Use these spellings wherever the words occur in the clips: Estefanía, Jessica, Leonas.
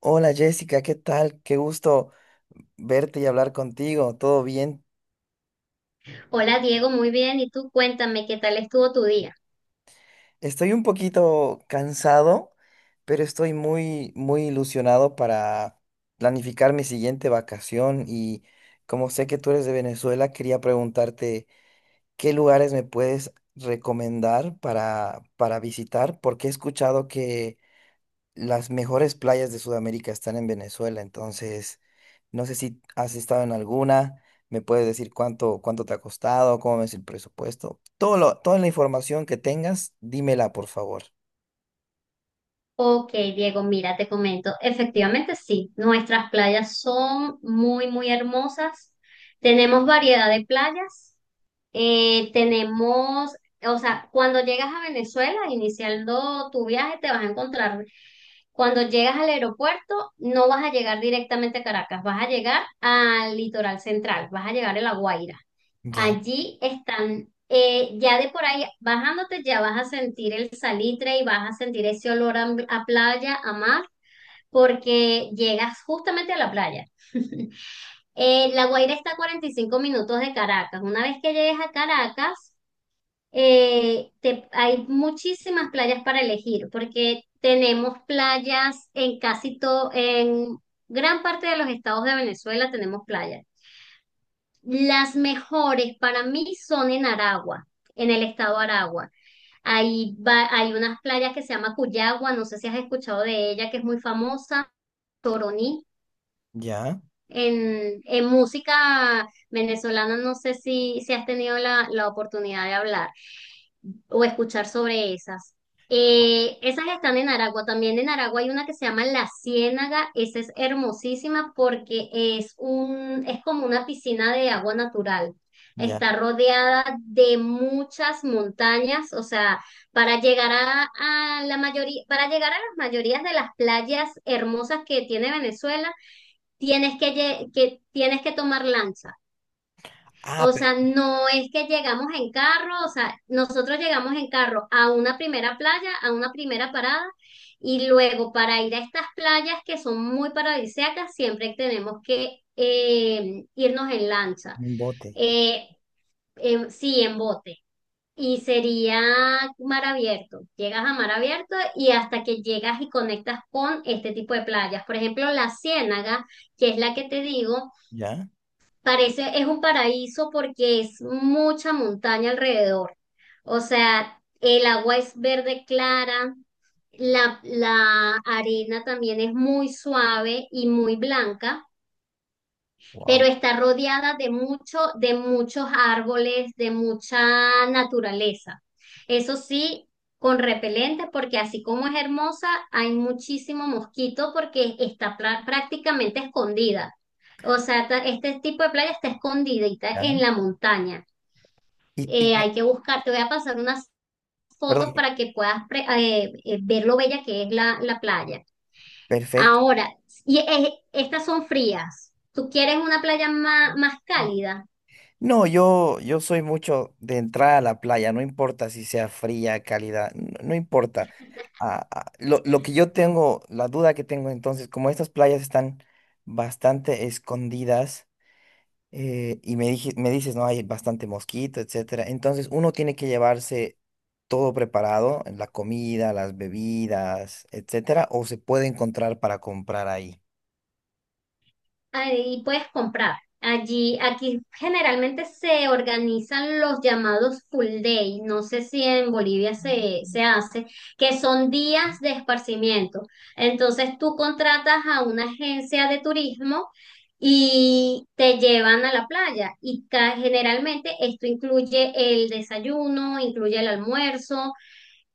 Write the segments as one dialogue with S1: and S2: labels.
S1: Hola Jessica, ¿qué tal? Qué gusto verte y hablar contigo. ¿Todo bien?
S2: Hola Diego, muy bien. ¿Y tú cuéntame qué tal estuvo tu día?
S1: Estoy un poquito cansado, pero estoy muy, muy ilusionado para planificar mi siguiente vacación y como sé que tú eres de Venezuela, quería preguntarte qué lugares me puedes recomendar para visitar, porque he escuchado que las mejores playas de Sudamérica están en Venezuela, entonces no sé si has estado en alguna, me puedes decir cuánto te ha costado, cómo es el presupuesto. Toda la información que tengas, dímela, por favor.
S2: Ok, Diego, mira, te comento. Efectivamente, sí, nuestras playas son muy, muy hermosas. Tenemos variedad de playas. Tenemos, o sea, cuando llegas a Venezuela, iniciando tu viaje, te vas a encontrar, cuando llegas al aeropuerto, no vas a llegar directamente a Caracas, vas a llegar al litoral central, vas a llegar a La Guaira.
S1: Ya,
S2: Allí están, ya de por ahí bajándote, ya vas a sentir el salitre y vas a sentir ese olor a playa, a mar, porque llegas justamente a la playa. La Guaira está a 45 minutos de Caracas. Una vez que llegues a Caracas, hay muchísimas playas para elegir, porque tenemos playas en casi todo, en gran parte de los estados de Venezuela tenemos playas. Las mejores para mí son en Aragua, en el estado de Aragua. Hay unas playas que se llama Cuyagua, no sé si has escuchado de ella, que es muy famosa, Toroní.
S1: ya,
S2: En música venezolana no sé si has tenido la oportunidad de hablar o escuchar sobre esas. Esas están en Aragua. También en Aragua hay una que se llama La Ciénaga. Esa es hermosísima porque es como una piscina de agua natural.
S1: ya.
S2: Está rodeada de muchas montañas, o sea, para llegar a, a la mayoría, para llegar a las mayorías de las playas hermosas que tiene Venezuela, tienes que tomar lancha.
S1: Ah,
S2: O
S1: pero
S2: sea, no es que llegamos en carro, o sea, nosotros llegamos en carro a una primera playa, a una primera parada, y luego para ir a estas playas que son muy paradisíacas, siempre tenemos que irnos en lancha.
S1: un bote.
S2: Eh, sí, en bote. Y sería mar abierto. Llegas a mar abierto y hasta que llegas y conectas con este tipo de playas. Por ejemplo, la Ciénaga, que es la que te digo.
S1: Ya,
S2: Es un paraíso porque es mucha montaña alrededor. O sea, el agua es verde clara, la arena también es muy suave y muy blanca, pero
S1: wow.
S2: está rodeada de muchos árboles, de mucha naturaleza. Eso sí, con repelente, porque así como es hermosa, hay muchísimo mosquito porque está prácticamente escondida. O sea, este tipo de playa está escondidita en
S1: Ya.
S2: la montaña.
S1: Y
S2: Hay que buscar, te voy a pasar unas fotos
S1: perdón,
S2: para que puedas ver lo bella que es la playa.
S1: perfecto.
S2: Ahora, estas son frías. ¿Tú quieres una playa más cálida?
S1: No, yo soy mucho de entrar a la playa, no importa si sea fría, cálida, no, no importa. Ah, ah, lo que yo tengo, la duda que tengo entonces, como estas playas están bastante escondidas, y me dije, me dices, no, hay bastante mosquito, etcétera. Entonces uno tiene que llevarse todo preparado, la comida, las bebidas, etcétera, o se puede encontrar para comprar ahí.
S2: Ahí puedes comprar. Allí, aquí generalmente se organizan los llamados full day. No sé si en Bolivia se hace, que son días de esparcimiento. Entonces tú contratas a una agencia de turismo y te llevan a la playa. Y generalmente esto incluye el desayuno, incluye el almuerzo,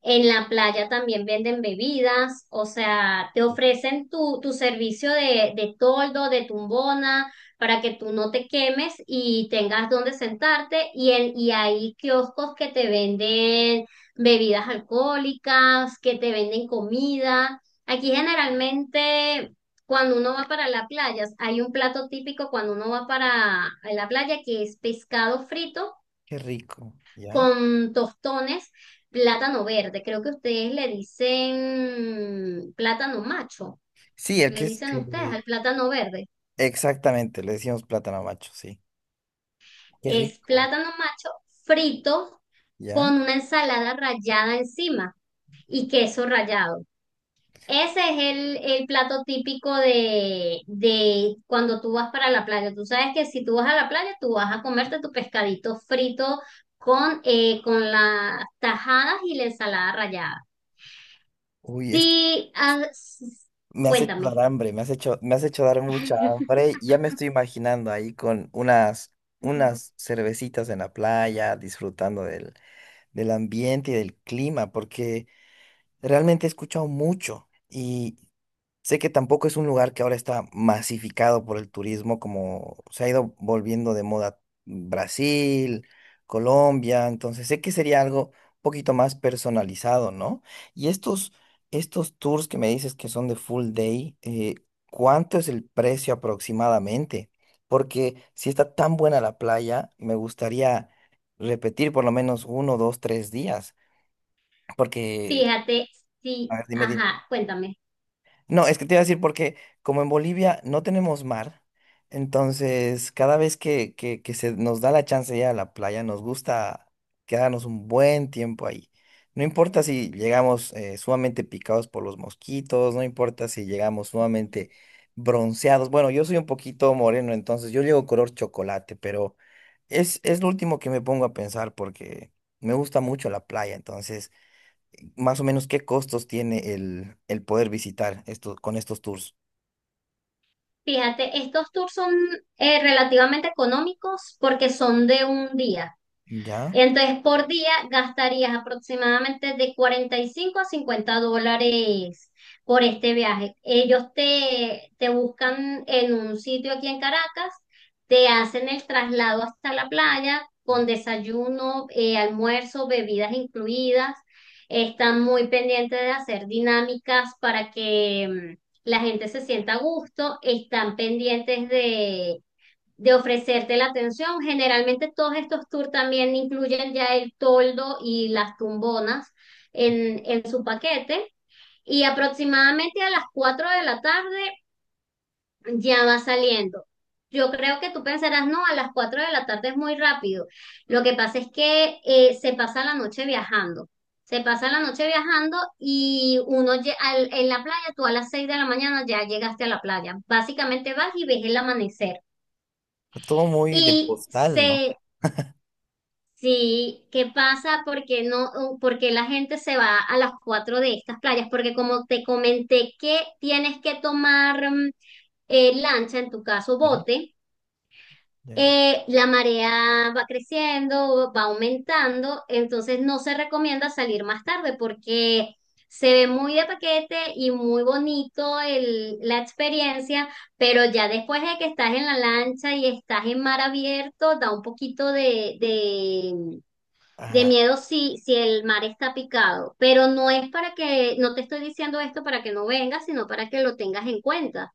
S2: en la playa también venden bebidas, o sea, te ofrecen tu servicio de toldo, de tumbona, para que tú no te quemes y tengas donde sentarte. Y hay kioscos que te venden bebidas alcohólicas, que te venden comida. Aquí generalmente, cuando uno va para la playa, hay un plato típico cuando uno va para la playa que es pescado frito
S1: Qué rico, ¿ya?
S2: con tostones, plátano verde. Creo que ustedes le dicen plátano macho.
S1: Sí, el
S2: Le
S1: que es
S2: dicen ustedes
S1: eh,
S2: al plátano verde.
S1: exactamente, le decimos plátano macho, sí. Qué
S2: Es
S1: rico,
S2: plátano macho frito
S1: ¿ya?
S2: con una ensalada rallada encima y queso rallado. Ese es el plato típico de cuando tú vas para la playa. Tú sabes que si tú vas a la playa, tú vas a comerte tu pescadito frito con las tajadas y la ensalada rallada.
S1: Uy, es que
S2: Sí,
S1: me has hecho dar
S2: cuéntame.
S1: hambre, me has hecho dar mucha hambre. Ya me estoy imaginando ahí con unas,
S2: Mm.
S1: unas cervecitas en la playa, disfrutando del ambiente y del clima, porque realmente he escuchado mucho y sé que tampoco es un lugar que ahora está masificado por el turismo, como se ha ido volviendo de moda Brasil, Colombia, entonces sé que sería algo un poquito más personalizado, ¿no? Y estos tours que me dices que son de full day, ¿cuánto es el precio aproximadamente? Porque si está tan buena la playa, me gustaría repetir por lo menos uno, 2, 3 días. Porque,
S2: Fíjate,
S1: a
S2: sí,
S1: ver, dime, dime.
S2: ajá, cuéntame.
S1: No, es que te iba a decir porque como en Bolivia no tenemos mar, entonces cada vez que se nos da la chance de ir a la playa, nos gusta quedarnos un buen tiempo ahí. No importa si llegamos sumamente picados por los mosquitos, no importa si llegamos sumamente bronceados. Bueno, yo soy un poquito moreno, entonces yo llego color chocolate, pero es lo último que me pongo a pensar porque me gusta mucho la playa, entonces más o menos qué costos tiene el poder visitar esto, con estos tours.
S2: Fíjate, estos tours son relativamente económicos porque son de un día.
S1: Ya,
S2: Entonces, por día gastarías aproximadamente de $45 a $50 por este viaje. Ellos te buscan en un sitio aquí en Caracas, te hacen el traslado hasta la playa con desayuno, almuerzo, bebidas incluidas. Están muy pendientes de hacer dinámicas para que la gente se sienta a gusto. Están pendientes de ofrecerte la atención. Generalmente todos estos tours también incluyen ya el toldo y las tumbonas en su paquete y aproximadamente a las 4 de la tarde ya va saliendo. Yo creo que tú pensarás, no, a las 4 de la tarde es muy rápido. Lo que pasa es que se pasa la noche viajando. Se pasa la noche viajando y en la playa, tú a las 6 de la mañana ya llegaste a la playa. Básicamente vas y ves el amanecer.
S1: todo muy de
S2: Y
S1: postal, ¿no?
S2: se, Sí, ¿qué pasa? Porque no, porque la gente se va a las 4 de estas playas, porque como te comenté que tienes que tomar lancha, en tu caso
S1: Ya,
S2: bote,
S1: ya, ya.
S2: la marea va creciendo, va aumentando, entonces no se recomienda salir más tarde porque se ve muy de paquete y muy bonito la experiencia, pero ya después de que estás en la lancha y estás en mar abierto, da un poquito de
S1: Ajá,
S2: miedo si el mar está picado, pero no es para que, no te estoy diciendo esto para que no vengas, sino para que lo tengas en cuenta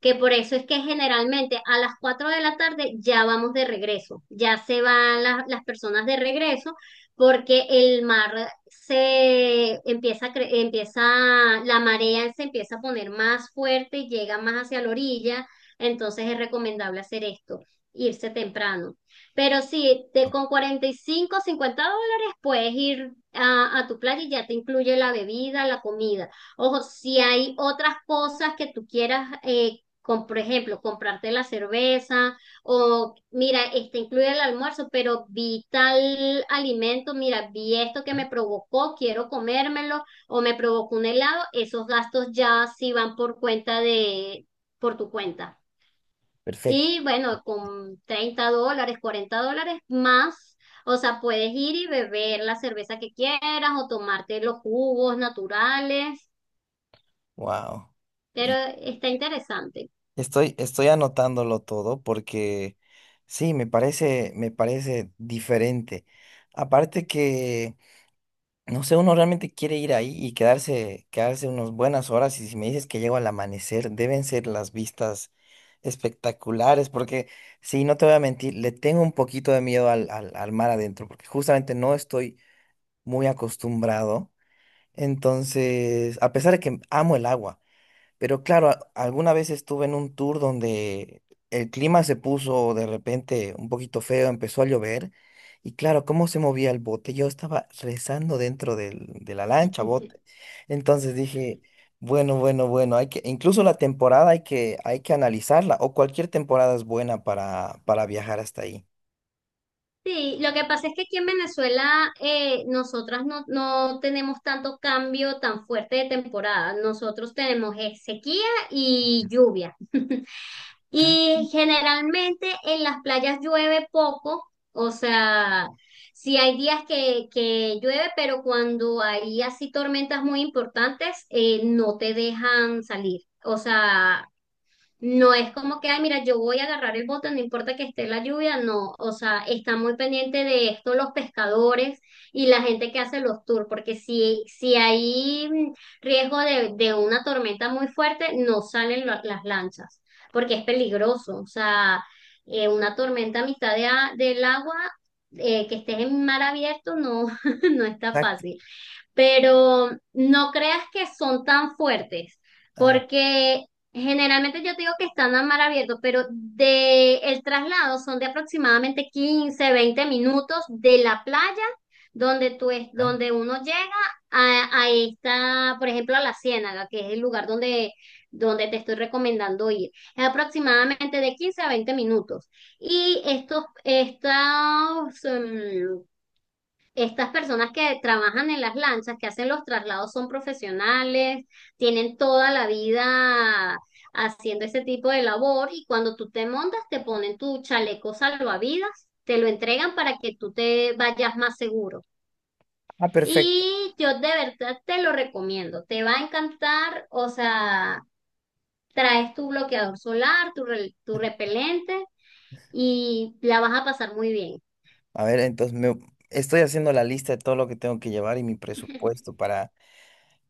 S2: que por eso es que generalmente a las 4 de la tarde ya vamos de regreso, ya se van las personas de regreso porque el mar se empieza, a cre- empieza, la marea se empieza a poner más fuerte y llega más hacia la orilla, entonces es recomendable hacer esto, irse temprano. Pero sí, con $45 $50 puedes ir a tu playa y ya te incluye la bebida, la comida. Ojo, si hay otras cosas que tú quieras por ejemplo, comprarte la cerveza o mira, este incluye el almuerzo, pero vi tal alimento, mira, vi esto que me provocó, quiero comérmelo o me provocó un helado, esos gastos ya sí van por tu cuenta.
S1: perfecto.
S2: Y bueno, con $30, $40 más. O sea, puedes ir y beber la cerveza que quieras o tomarte los jugos naturales,
S1: Wow.
S2: pero está interesante.
S1: Estoy anotándolo todo porque sí, me parece diferente. Aparte que no sé, uno realmente quiere ir ahí y quedarse unas buenas horas. Y si me dices que llego al amanecer, deben ser las vistas espectaculares, porque sí, no te voy a mentir, le tengo un poquito de miedo al mar adentro, porque justamente no estoy muy acostumbrado. Entonces, a pesar de que amo el agua. Pero claro, alguna vez estuve en un tour donde el clima se puso de repente un poquito feo, empezó a llover y claro, cómo se movía el bote. Yo estaba rezando de la lancha, bote. Entonces dije, bueno, bueno, bueno, hay que, incluso la temporada hay que analizarla o cualquier temporada es buena para viajar hasta ahí.
S2: Sí, lo que pasa es que aquí en Venezuela nosotras no, no tenemos tanto cambio tan fuerte de temporada. Nosotros tenemos sequía y lluvia.
S1: Ah,
S2: Y generalmente en las playas llueve poco, o sea, sí hay días que llueve, pero cuando hay así tormentas muy importantes, no te dejan salir. O sea, no es como que, ay, mira, yo voy a agarrar el bote, no importa que esté la lluvia, no. O sea, está muy pendiente de esto los pescadores y la gente que hace los tours, porque si hay riesgo de una tormenta muy fuerte, no salen las lanchas, porque es peligroso. O sea, una tormenta a mitad del agua, que estés en mar abierto, no, no está
S1: exacto.
S2: fácil, pero no creas que son tan fuertes,
S1: Ah,
S2: porque generalmente yo te digo que están a mar abierto, pero de el traslado son de aproximadamente 15 20 minutos de la playa donde tú es,
S1: ah.
S2: donde uno llega a esta, por ejemplo, a la Ciénaga, que es el lugar donde, donde te estoy recomendando ir. Es aproximadamente de 15 a 20 minutos. Y estos, estos, em, estas personas que trabajan en las lanchas, que hacen los traslados, son profesionales, tienen toda la vida haciendo ese tipo de labor y cuando tú te montas te ponen tu chaleco salvavidas, te lo entregan para que tú te vayas más seguro.
S1: Ah, perfecto.
S2: Y yo de verdad te lo recomiendo, te va a encantar, o sea, traes tu bloqueador solar, tu repelente y la vas a pasar muy bien.
S1: A ver, entonces estoy haciendo la lista de todo lo que tengo que llevar y mi presupuesto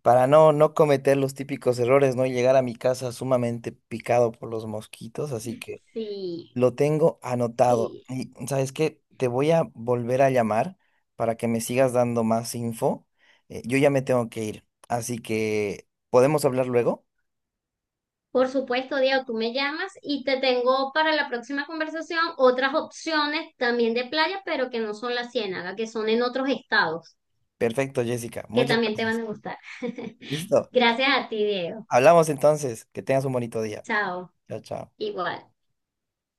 S1: para no cometer los típicos errores, ¿no? Y llegar a mi casa sumamente picado por los mosquitos, así que
S2: Sí,
S1: lo tengo anotado.
S2: sí,
S1: Y ¿sabes qué? Te voy a volver a llamar para que me sigas dando más info. Yo ya me tengo que ir, así que ¿podemos hablar luego?
S2: por supuesto, Diego, tú me llamas y te tengo para la próxima conversación otras opciones también de playa, pero que no son la Ciénaga, que son en otros estados,
S1: Perfecto, Jessica,
S2: que
S1: muchas
S2: también te van
S1: gracias.
S2: a gustar.
S1: Listo,
S2: Gracias a ti, Diego.
S1: hablamos entonces, que tengas un bonito día.
S2: Chao.
S1: Chao, chao.
S2: Igual.